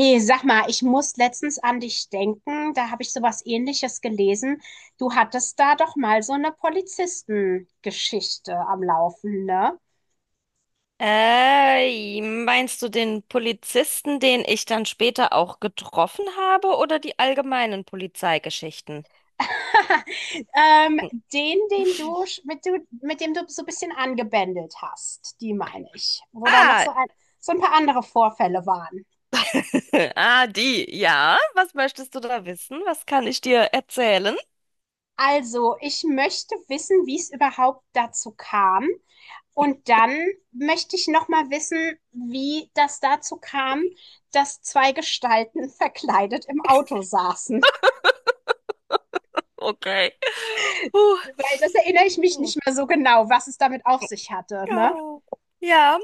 Hey, sag mal, ich muss letztens an dich denken. Da habe ich sowas Ähnliches gelesen. Du hattest da doch mal so eine Polizistengeschichte am Laufen, ne? Meinst du den Polizisten, den ich dann später auch getroffen habe, oder die allgemeinen Polizeigeschichten? Ähm, den, den du, sch- mit du, mit dem du so ein bisschen angebändelt hast, die meine ich. Wo da noch Ah, so ein paar andere Vorfälle waren. ah, die, ja. Was möchtest du da wissen? Was kann ich dir erzählen? Also, ich möchte wissen, wie es überhaupt dazu kam. Und dann möchte ich noch mal wissen, wie das dazu kam, dass zwei Gestalten verkleidet im Auto saßen. Okay. Weil das erinnere ich mich Huh. nicht mehr so genau, was es damit auf sich hatte. Ne? Ja, ja,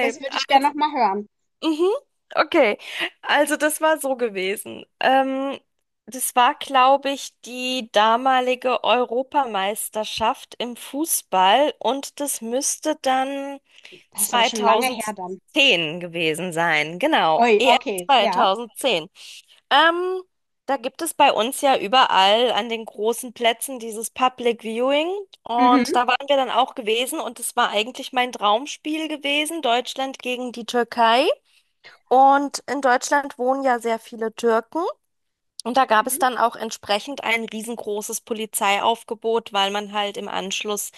Das würde ich gerne Also, noch mal hören. mhm, okay. Also das war so gewesen. Das war, glaube ich, die damalige Europameisterschaft im Fußball und das müsste dann Das ist aber schon lange her dann. 2010 gewesen sein. Genau, Ui, EM okay, ja. 2010. Ähm, da gibt es bei uns ja überall an den großen Plätzen dieses Public Viewing. Und Mhm. da waren wir dann auch gewesen und es war eigentlich mein Traumspiel gewesen, Deutschland gegen die Türkei. Und in Deutschland wohnen ja sehr viele Türken. Und da gab es Mhm. dann auch entsprechend ein riesengroßes Polizeiaufgebot, weil man halt im Anschluss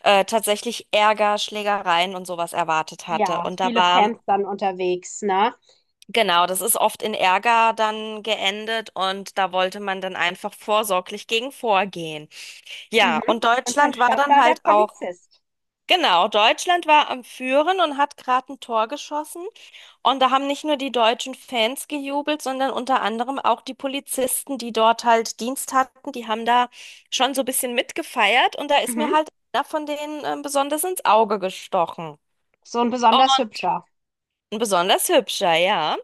tatsächlich Ärger, Schlägereien und sowas erwartet hatte. Ja, Und da viele war, Fans dann unterwegs, ne? genau, das ist oft in Ärger dann geendet und da wollte man dann einfach vorsorglich gegen vorgehen. Ja, Mhm. und Und dann Deutschland war stand dann da der halt auch, Polizist. genau, Deutschland war am Führen und hat gerade ein Tor geschossen. Und da haben nicht nur die deutschen Fans gejubelt, sondern unter anderem auch die Polizisten, die dort halt Dienst hatten, die haben da schon so ein bisschen mitgefeiert und da ist mir Mhm. halt einer von denen besonders ins Auge gestochen. So ein Und besonders hübscher. ein besonders hübscher, ja.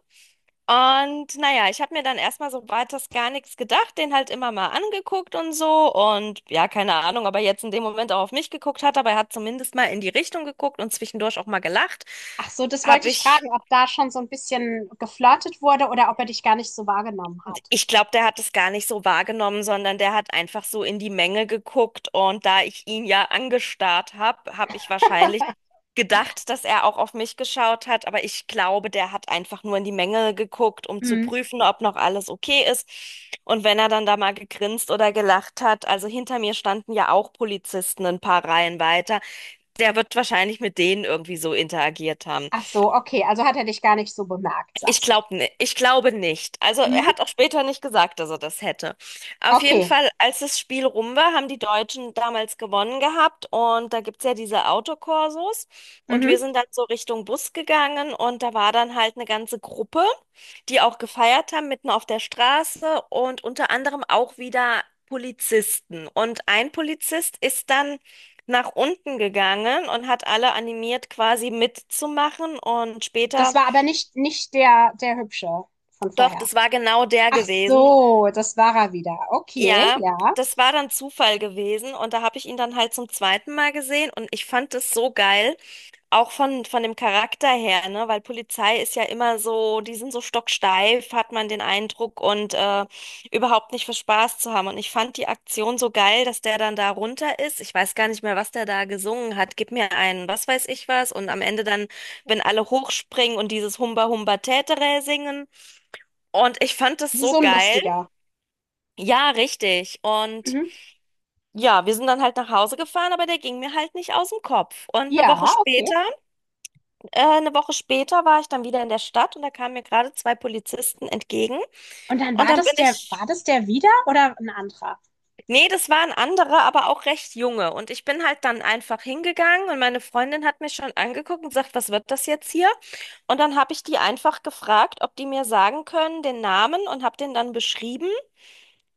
Und naja, ich habe mir dann erstmal so weiters gar nichts gedacht, den halt immer mal angeguckt und so. Und ja, keine Ahnung, ob er jetzt in dem Moment auch auf mich geguckt hat, aber er hat zumindest mal in die Richtung geguckt und zwischendurch auch mal gelacht. Ach so, das wollte Habe ich ich fragen, ob da schon so ein bisschen geflirtet wurde oder ob er dich gar nicht so wahrgenommen hat. Ich glaube, der hat es gar nicht so wahrgenommen, sondern der hat einfach so in die Menge geguckt und da ich ihn ja angestarrt habe, habe ich wahrscheinlich gedacht, dass er auch auf mich geschaut hat, aber ich glaube, der hat einfach nur in die Menge geguckt, um zu Mhm. prüfen, ob noch alles okay ist. Und wenn er dann da mal gegrinst oder gelacht hat, also hinter mir standen ja auch Polizisten ein paar Reihen weiter, der wird wahrscheinlich mit denen irgendwie so interagiert haben. Ach so, okay, also hat er dich gar nicht so bemerkt, Ich sagst du. glaube ne, ich glaube nicht. Also er Mhm. hat auch später nicht gesagt, dass er das hätte. Auf jeden Okay. Fall, als das Spiel rum war, haben die Deutschen damals gewonnen gehabt und da gibt's ja diese Autokorsos und wir Mhm. sind dann so Richtung Bus gegangen und da war dann halt eine ganze Gruppe, die auch gefeiert haben, mitten auf der Straße und unter anderem auch wieder Polizisten. Und ein Polizist ist dann nach unten gegangen und hat alle animiert, quasi mitzumachen und Das später war aber nicht der, der Hübsche von doch, vorher. das war genau der Ach gewesen. so, das war er wieder. Okay, Ja, ja. das war dann Zufall gewesen und da habe ich ihn dann halt zum zweiten Mal gesehen und ich fand das so geil, auch von dem Charakter her, ne, weil Polizei ist ja immer so, die sind so stocksteif, hat man den Eindruck und überhaupt nicht für Spaß zu haben und ich fand die Aktion so geil, dass der dann da runter ist. Ich weiß gar nicht mehr, was der da gesungen hat. Gib mir einen, was weiß ich was und am Ende dann, wenn alle hochspringen und dieses Humba Humba Tätere singen. Und ich fand das Das ist so so ein geil, lustiger. ja, richtig. Und Mhm. ja, wir sind dann halt nach Hause gefahren, aber der ging mir halt nicht aus dem Kopf. Und Ja, okay. Eine Woche später war ich dann wieder in der Stadt und da kamen mir gerade zwei Polizisten entgegen. Und dann Und war dann bin das der, ich, war das der wieder oder ein anderer? Nee, das waren andere, aber auch recht junge. Und ich bin halt dann einfach hingegangen und meine Freundin hat mich schon angeguckt und sagt, was wird das jetzt hier? Und dann habe ich die einfach gefragt, ob die mir sagen können, den Namen und habe den dann beschrieben.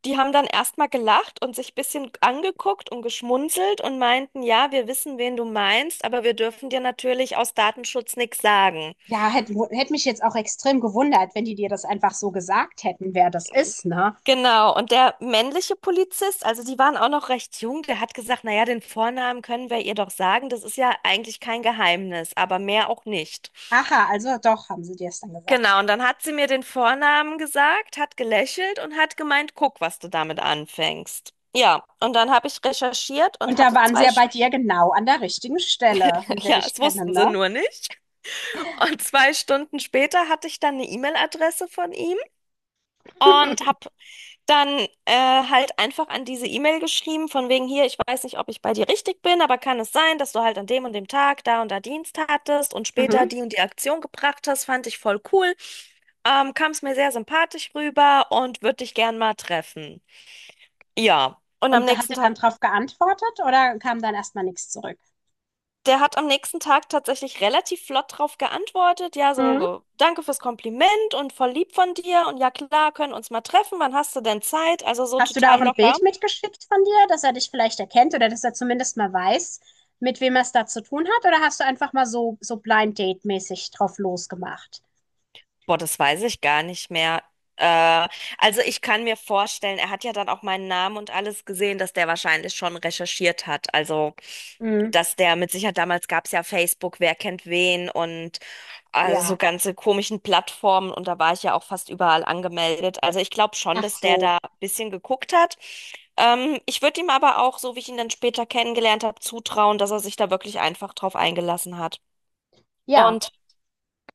Die haben dann erstmal gelacht und sich ein bisschen angeguckt und geschmunzelt und meinten, ja, wir wissen, wen du meinst, aber wir dürfen dir natürlich aus Datenschutz nichts sagen. Ja, hätte hätt hätt mich jetzt auch extrem gewundert, wenn die dir das einfach so gesagt hätten, wer das ist, ne? Genau, und der männliche Polizist, also die waren auch noch recht jung, der hat gesagt, naja, den Vornamen können wir ihr doch sagen, das ist ja eigentlich kein Geheimnis, aber mehr auch nicht. Aha, also doch, haben sie dir es dann gesagt. Genau, und dann hat sie mir den Vornamen gesagt, hat gelächelt und hat gemeint, guck, was du damit anfängst. Ja, und dann habe ich recherchiert Und und da hatte waren sie zwei, ja bei dir genau an der richtigen Stelle, wie wir ja, dich es kennen, wussten sie ne? nur nicht. Und zwei Stunden später hatte ich dann eine E-Mail-Adresse von ihm und habe dann äh, halt einfach an diese E-Mail geschrieben, von wegen hier, ich weiß nicht, ob ich bei dir richtig bin, aber kann es sein, dass du halt an dem und dem Tag da und da Dienst hattest und später Mhm. die und die Aktion gebracht hast, fand ich voll cool. Kam es mir sehr sympathisch rüber und würde dich gern mal treffen. Ja, und am Und da hat nächsten er Tag dann drauf geantwortet oder kam dann erstmal nichts zurück? Der hat am nächsten Tag tatsächlich relativ flott drauf geantwortet. Ja, so, Mhm. Danke fürs Kompliment und voll lieb von dir. Und ja, klar, können uns mal treffen. Wann hast du denn Zeit? Also so Hast du da auch total ein locker. Bild mitgeschickt von dir, dass er dich vielleicht erkennt oder dass er zumindest mal weiß, mit wem er es da zu tun hat? Oder hast du einfach mal so, so Blind Date-mäßig drauf losgemacht? Boah, das weiß ich gar nicht mehr. Äh, also ich kann mir vorstellen, er hat ja dann auch meinen Namen und alles gesehen, dass der wahrscheinlich schon recherchiert hat. Also, Mhm. dass der mit Sicherheit, damals gab es ja Facebook, wer kennt wen und also so Ja, ganze komischen Plattformen und da war ich ja auch fast überall angemeldet. Also ich glaube schon, ach dass der so. da ein bisschen geguckt hat. Ich würde ihm aber auch, so wie ich ihn dann später kennengelernt habe, zutrauen, dass er sich da wirklich einfach drauf eingelassen hat. Ja, Und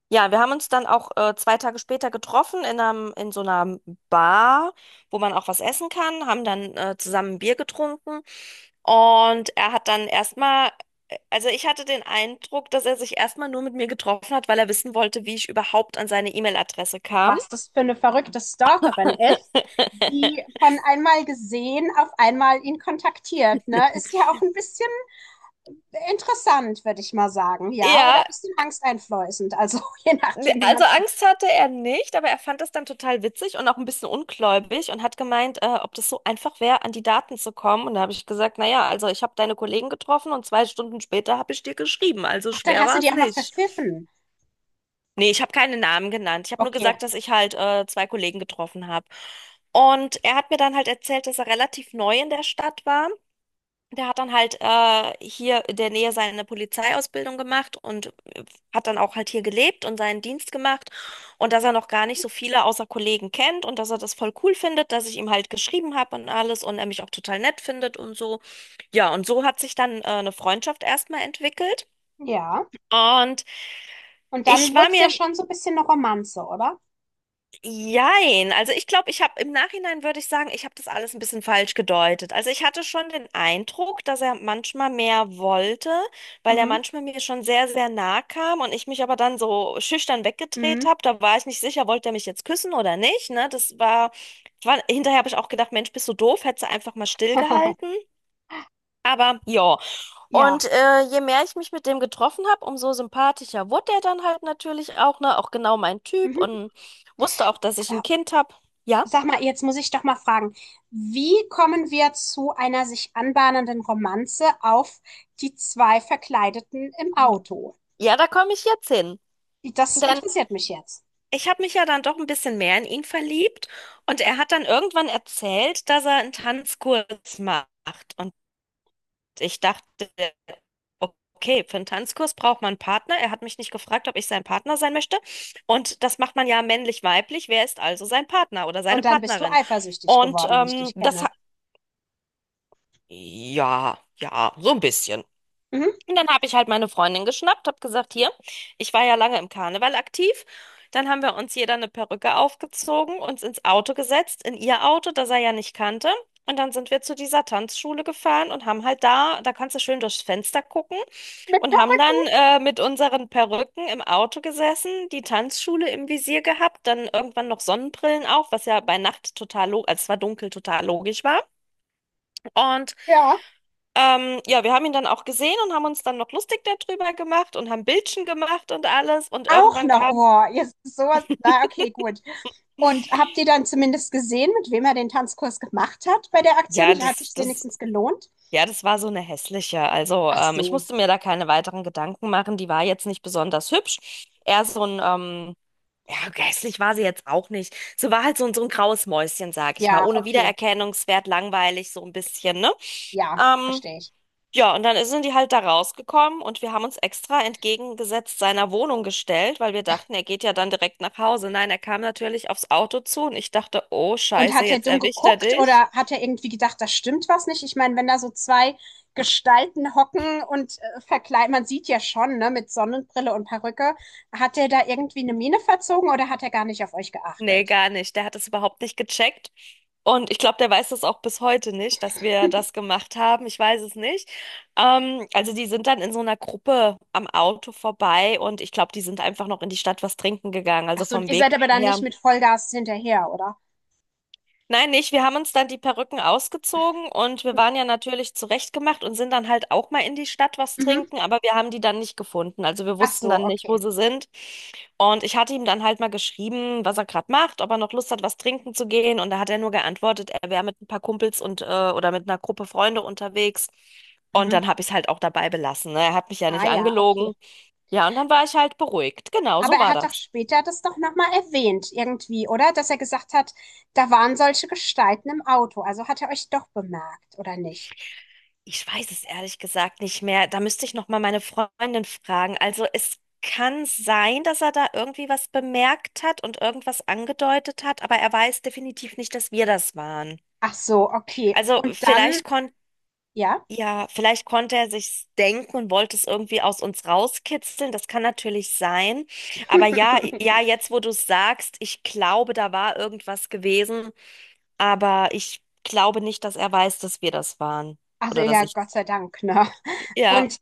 ja, wir haben uns dann auch zwei Tage später getroffen in so einer Bar, wo man auch was essen kann, haben dann zusammen ein Bier getrunken und er hat dann erstmal, also ich hatte den Eindruck, dass er sich erstmal nur mit mir getroffen hat, weil er wissen wollte, wie ich überhaupt an seine E-Mail-Adresse kam. was das für eine verrückte Stalkerin ist, die von einmal gesehen auf einmal ihn kontaktiert. Ne? Ist ja auch ein bisschen interessant, würde ich mal sagen, ja, oder Ja, ein bisschen angsteinflößend, also je ne, nachdem, wie man also es sieht. Angst hatte er nicht, aber er fand es dann total witzig und auch ein bisschen ungläubig und hat gemeint, ob das so einfach wäre, an die Daten zu kommen. Und da habe ich gesagt, naja, also ich habe deine Kollegen getroffen und zwei Stunden später habe ich dir geschrieben, also Ach, dann schwer hast du war die es auch noch nicht. verpfiffen. Nee, ich habe keine Namen genannt. Ich habe nur Okay, gesagt, dass ich halt zwei Kollegen getroffen habe. Und er hat mir dann halt erzählt, dass er relativ neu in der Stadt war, der hat dann halt hier in der Nähe seine Polizeiausbildung gemacht und hat dann auch halt hier gelebt und seinen Dienst gemacht. Und dass er noch gar nicht so viele außer Kollegen kennt und dass er das voll cool findet, dass ich ihm halt geschrieben habe und alles und er mich auch total nett findet und so. Ja, und so hat sich dann eine Freundschaft erstmal entwickelt. ja. Und Und ich dann wurde war es ja mir schon so ein bisschen eine Romanze, oder? Jein, also ich glaube, ich habe im Nachhinein würde ich sagen, ich habe das alles ein bisschen falsch gedeutet. Also ich hatte schon den Eindruck, dass er manchmal mehr wollte, weil er Mhm. manchmal mir schon sehr, sehr nah kam und ich mich aber dann so schüchtern weggedreht Mhm. habe. Da war ich nicht sicher, wollte er mich jetzt küssen oder nicht, ne? Das war, hinterher habe ich auch gedacht, Mensch, bist du doof, hättest du einfach mal stillgehalten. Aber ja. Ja. Und je mehr ich mich mit dem getroffen habe, umso sympathischer wurde er dann halt natürlich auch, ne? Auch genau mein Typ Mhm. und wusste auch, dass ich ein Kind habe. Ja, Sag mal, jetzt muss ich doch mal fragen, wie kommen wir zu einer sich anbahnenden Romanze auf die zwei Verkleideten im hm, Auto? ja, da komme ich jetzt hin. Das Denn interessiert mich jetzt. ich habe mich ja dann doch ein bisschen mehr in ihn verliebt und er hat dann irgendwann erzählt, dass er einen Tanzkurs macht. Ich dachte, okay, für einen Tanzkurs braucht man einen Partner. Er hat mich nicht gefragt, ob ich sein Partner sein möchte. Und das macht man ja männlich-weiblich. Wer ist also sein Partner oder seine Und dann bist du Partnerin? eifersüchtig Und geworden, wie ich dich kenne. Ja, ja, so ein bisschen. Mhm. Und dann habe ich halt meine Freundin geschnappt, habe gesagt, hier, ich war ja lange im Karneval aktiv. Dann haben wir uns jeder eine Perücke aufgezogen, uns ins Auto gesetzt, in ihr Auto, das er ja nicht kannte. Und dann sind wir zu dieser Tanzschule gefahren und haben halt da, da kannst du schön durchs Fenster gucken Mit und haben dann mit unseren Perücken im Auto gesessen, die Tanzschule im Visier gehabt, dann irgendwann noch Sonnenbrillen auf, was ja bei Nacht total, als es war dunkel, total logisch war. Und ja. Ja, wir haben ihn dann auch gesehen und haben uns dann noch lustig darüber gemacht und haben Bildchen gemacht und alles. Und Auch irgendwann noch, kam, oh, jetzt sowas, na okay, gut. Und habt ihr dann zumindest gesehen, mit wem er den Tanzkurs gemacht hat bei der Aktion? ja, Hat sich wenigstens gelohnt? ja, das war so eine hässliche. Also, Ach ich so, musste mir da keine weiteren Gedanken machen. Die war jetzt nicht besonders hübsch. Eher so ein, ja, hässlich war sie jetzt auch nicht. Sie war halt so, so ein graues Mäuschen, sag ich mal. ja, Ohne okay, Wiedererkennungswert, langweilig, so ein bisschen, ne? ja, Ähm, verstehe ich. Ja, und dann sind die halt da rausgekommen und wir haben uns extra entgegengesetzt seiner Wohnung gestellt, weil wir dachten, er geht ja dann direkt nach Hause. Nein, er kam natürlich aufs Auto zu und ich dachte, oh Und Scheiße, hat er jetzt dumm erwischt er geguckt dich. oder hat er irgendwie gedacht, da stimmt was nicht? Ich meine, wenn da so zwei Gestalten hocken und verkleiden, man sieht ja schon, ne, mit Sonnenbrille und Perücke, hat er da irgendwie eine Miene verzogen oder hat er gar nicht auf euch Nee, geachtet? gar nicht. Der hat es überhaupt nicht gecheckt. Und ich glaube, der weiß das auch bis heute nicht, dass wir das gemacht haben. Ich weiß es nicht. Also die sind dann in so einer Gruppe am Auto vorbei und ich glaube, die sind einfach noch in die Stadt was trinken gegangen. Ach Also so, vom ihr seid Weg aber dann nicht her. mit Vollgas hinterher, oder? Nein, nicht. Wir haben uns dann die Perücken ausgezogen und wir waren ja natürlich zurechtgemacht und sind dann halt auch mal in die Stadt was Mhm. trinken, aber wir haben die dann nicht gefunden. Also wir Ach wussten so, dann nicht, wo okay. sie sind. Und ich hatte ihm dann halt mal geschrieben, was er gerade macht, ob er noch Lust hat, was trinken zu gehen. Und da hat er nur geantwortet, er wäre mit ein paar Kumpels und oder mit einer Gruppe Freunde unterwegs. Und Mhm. dann habe ich es halt auch dabei belassen. Ne? Er hat mich ja Ah nicht ja, angelogen. okay. Ja, und dann war ich halt beruhigt. Genau, Aber so er war hat das. doch später das doch nochmal erwähnt, irgendwie, oder? Dass er gesagt hat, da waren solche Gestalten im Auto. Also hat er euch doch bemerkt, oder nicht? Ich weiß es ehrlich gesagt nicht mehr. Da müsste ich noch mal meine Freundin fragen. Also es kann sein, dass er da irgendwie was bemerkt hat und irgendwas angedeutet hat, aber er weiß definitiv nicht, dass wir das waren. Ach so, okay. Also Und dann vielleicht konnte ja? ja, vielleicht konnte er sich's denken und wollte es irgendwie aus uns rauskitzeln. Das kann natürlich sein. Aber ja, jetzt wo du es sagst, ich glaube, da war irgendwas gewesen, aber ich glaube nicht, dass er weiß, dass wir das waren Also oder dass ja, ich Gott sei Dank, ne? ja. Und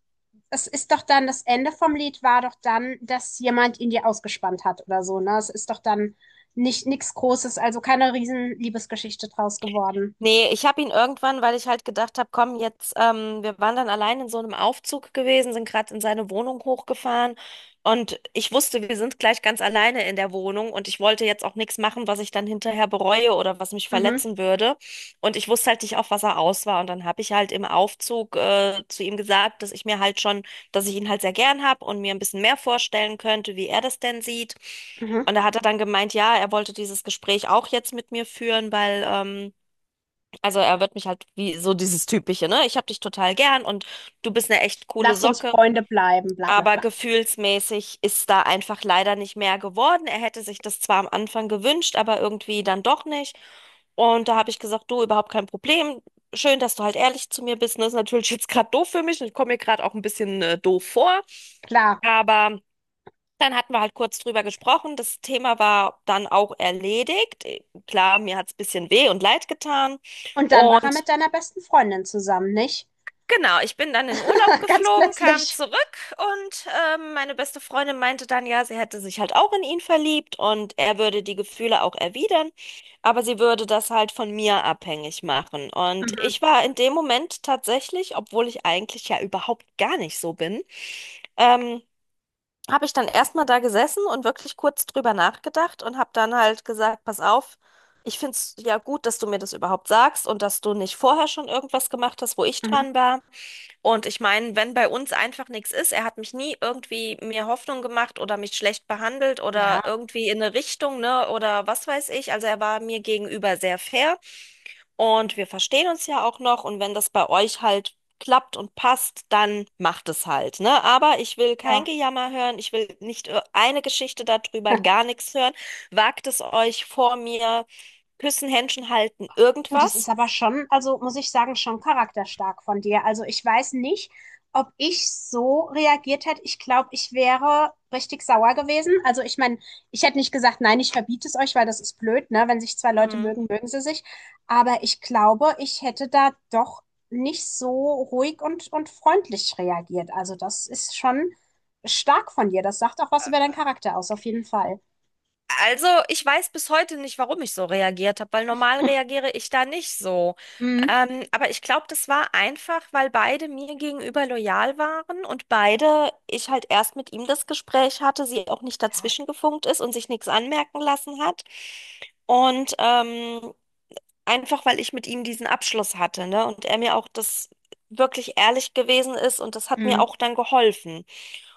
es ist doch dann, das Ende vom Lied war doch dann, dass jemand ihn dir ausgespannt hat oder so, ne? Es ist doch dann nicht nichts Großes, also keine riesen Liebesgeschichte draus geworden. Nee, ich habe ihn irgendwann, weil ich halt gedacht habe, komm, jetzt, wir waren dann allein in so einem Aufzug gewesen, sind gerade in seine Wohnung hochgefahren und ich wusste, wir sind gleich ganz alleine in der Wohnung und ich wollte jetzt auch nichts machen, was ich dann hinterher bereue oder was mich Mhm, verletzen würde. Und ich wusste halt nicht, auf was er aus war. Und dann habe ich halt im Aufzug, zu ihm gesagt, dass ich ihn halt sehr gern habe und mir ein bisschen mehr vorstellen könnte, wie er das denn sieht. mhm. Und da hat er dann gemeint, ja, er wollte dieses Gespräch auch jetzt mit mir führen, also er wird mich halt wie so dieses typische, ne? Ich hab dich total gern und du bist eine echt coole Lass uns Socke, Freunde bleiben, bla bla aber bla. gefühlsmäßig ist da einfach leider nicht mehr geworden. Er hätte sich das zwar am Anfang gewünscht, aber irgendwie dann doch nicht. Und da habe ich gesagt, du, überhaupt kein Problem. Schön, dass du halt ehrlich zu mir bist. Das ist natürlich jetzt gerade doof für mich und ich komme mir gerade auch ein bisschen doof vor. Klar. Aber dann hatten wir halt kurz drüber gesprochen. Das Thema war dann auch erledigt. Klar, mir hat es ein bisschen weh und leid getan. Und dann war er mit deiner besten Freundin zusammen, nicht? Genau, ich bin dann in Urlaub Ganz geflogen, kam plötzlich. zurück und meine beste Freundin meinte dann, ja, sie hätte sich halt auch in ihn verliebt und er würde die Gefühle auch erwidern, aber sie würde das halt von mir abhängig machen. Und Mhm, ich war in dem Moment tatsächlich, obwohl ich eigentlich ja überhaupt gar nicht so bin, ähm, habe ich dann erstmal da gesessen und wirklich kurz drüber nachgedacht und habe dann halt gesagt, pass auf. Ich finde es ja gut, dass du mir das überhaupt sagst und dass du nicht vorher schon irgendwas gemacht hast, wo ich mhm. dran war. Und ich meine, wenn bei uns einfach nichts ist, er hat mich nie irgendwie mir Hoffnung gemacht oder mich schlecht behandelt Ja, oder irgendwie in eine Richtung, ne, oder was weiß ich. Also er war mir gegenüber sehr fair und wir verstehen uns ja auch noch. Und wenn das bei euch halt klappt und passt, dann macht es halt, ne? Aber ich will kein ja. Gejammer hören, ich will nicht eine Geschichte darüber, gar nichts hören. Wagt es euch vor mir, küssen, Händchen halten, Du, das ist irgendwas. aber schon, also muss ich sagen, schon charakterstark von dir. Also ich weiß nicht, ob ich so reagiert hätte. Ich glaube, ich wäre richtig sauer gewesen. Also ich meine, ich hätte nicht gesagt, nein, ich verbiete es euch, weil das ist blöd, ne? Wenn sich zwei Leute Hm. mögen, mögen sie sich. Aber ich glaube, ich hätte da doch nicht so ruhig und freundlich reagiert. Also das ist schon stark von dir. Das sagt auch was über deinen Charakter aus, auf jeden Fall. Also, ich weiß bis heute nicht, warum ich so reagiert habe, weil normal reagiere ich da nicht so. Mhm. Aber ich glaube, das war einfach, weil beide mir gegenüber loyal waren und beide, ich halt erst mit ihm das Gespräch hatte, sie auch nicht Ja. dazwischen gefunkt ist und sich nichts anmerken lassen hat. Und einfach, weil ich mit ihm diesen Abschluss hatte, ne? Und er mir auch das wirklich ehrlich gewesen ist und das hat mir Mhm. auch dann geholfen.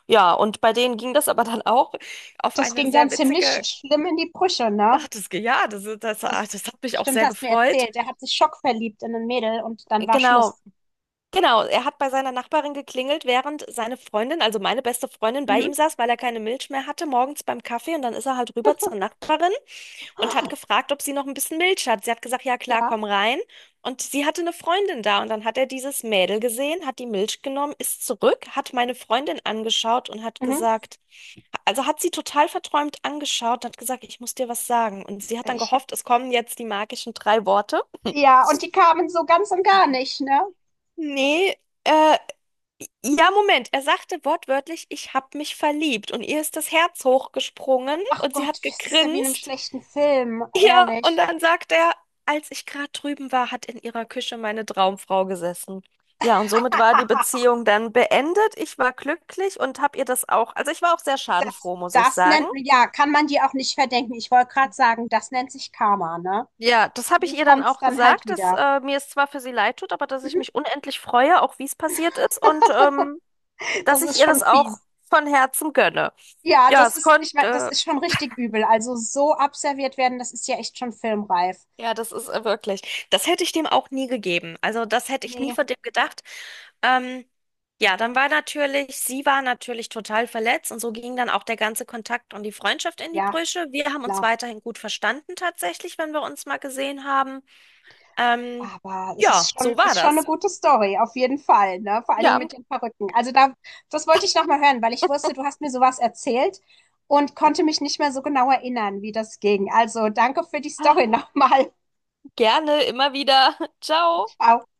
Ja, und bei denen ging das aber dann auch auf Das eine ging dann sehr ziemlich witzige schlimm in die Brüche, ne? hat es ge- ja, das, ist- das, ah, Das das hat mich auch stimmt, sehr hast du mir gefreut. erzählt. Er hat sich schockverliebt in ein Mädel und dann war Genau, Schluss. genau. Er hat bei seiner Nachbarin geklingelt, während seine Freundin, also meine beste Freundin, bei Mhm. ihm saß, weil er keine Milch mehr hatte, morgens beim Kaffee. Und dann ist er halt rüber zur Nachbarin und hat gefragt, ob sie noch ein bisschen Milch hat. Sie hat gesagt, ja klar, Ja. komm rein. Und sie hatte eine Freundin da und dann hat er dieses Mädel gesehen, hat die Milch genommen, ist zurück, hat meine Freundin angeschaut und hat Mhm. gesagt, also hat sie total verträumt angeschaut und hat gesagt, ich muss dir was sagen. Und sie hat dann Ich hab, gehofft, es kommen jetzt die magischen drei Worte. ja, und die kamen so ganz und gar nicht, ne? Nee, äh, ja, Moment. Er sagte wortwörtlich, ich hab mich verliebt. Und ihr ist das Herz hochgesprungen Ach und sie Gott, hat das ist ja wie in einem gegrinst. schlechten Film, Ja, und ehrlich. dann sagt er, als ich gerade drüben war, hat in ihrer Küche meine Traumfrau gesessen. Ja, und somit war die Beziehung dann beendet. Ich war glücklich und habe ihr das auch, also ich war auch sehr Das, schadenfroh, muss ich das sagen. nennt, ja, kann man dir auch nicht verdenken. Ich wollte gerade sagen, das nennt sich Karma, ne? Ja, das habe ich So ihr dann kommt's auch dann halt gesagt, dass wieder. Mir es zwar für sie leid tut, aber dass ich mich unendlich freue, auch wie es passiert ist und Das dass ich ist ihr schon das fies. auch von Herzen gönne. Ja, Ja, das es ist, ich mein, das konnte, ist schon richtig übel. Also so abserviert werden, das ist ja echt schon filmreif. Ja, das ist wirklich. Das hätte ich dem auch nie gegeben. Also das hätte ich nie Nee, von dem gedacht. Ähm, ja, dann war natürlich, sie war natürlich total verletzt und so ging dann auch der ganze Kontakt und die Freundschaft in die ja, Brüche. Wir haben uns klar. weiterhin gut verstanden tatsächlich, wenn wir uns mal gesehen haben. Ähm, Aber es ja, so war ist schon eine das. gute Story, auf jeden Fall, ne? Vor allen Dingen Ja, mit den Perücken. Also da, das wollte ich nochmal hören, weil ich wusste, du hast mir sowas erzählt und konnte mich nicht mehr so genau erinnern, wie das ging. Also danke für die ah, Story nochmal. gerne, immer wieder. Ciao. Ciao.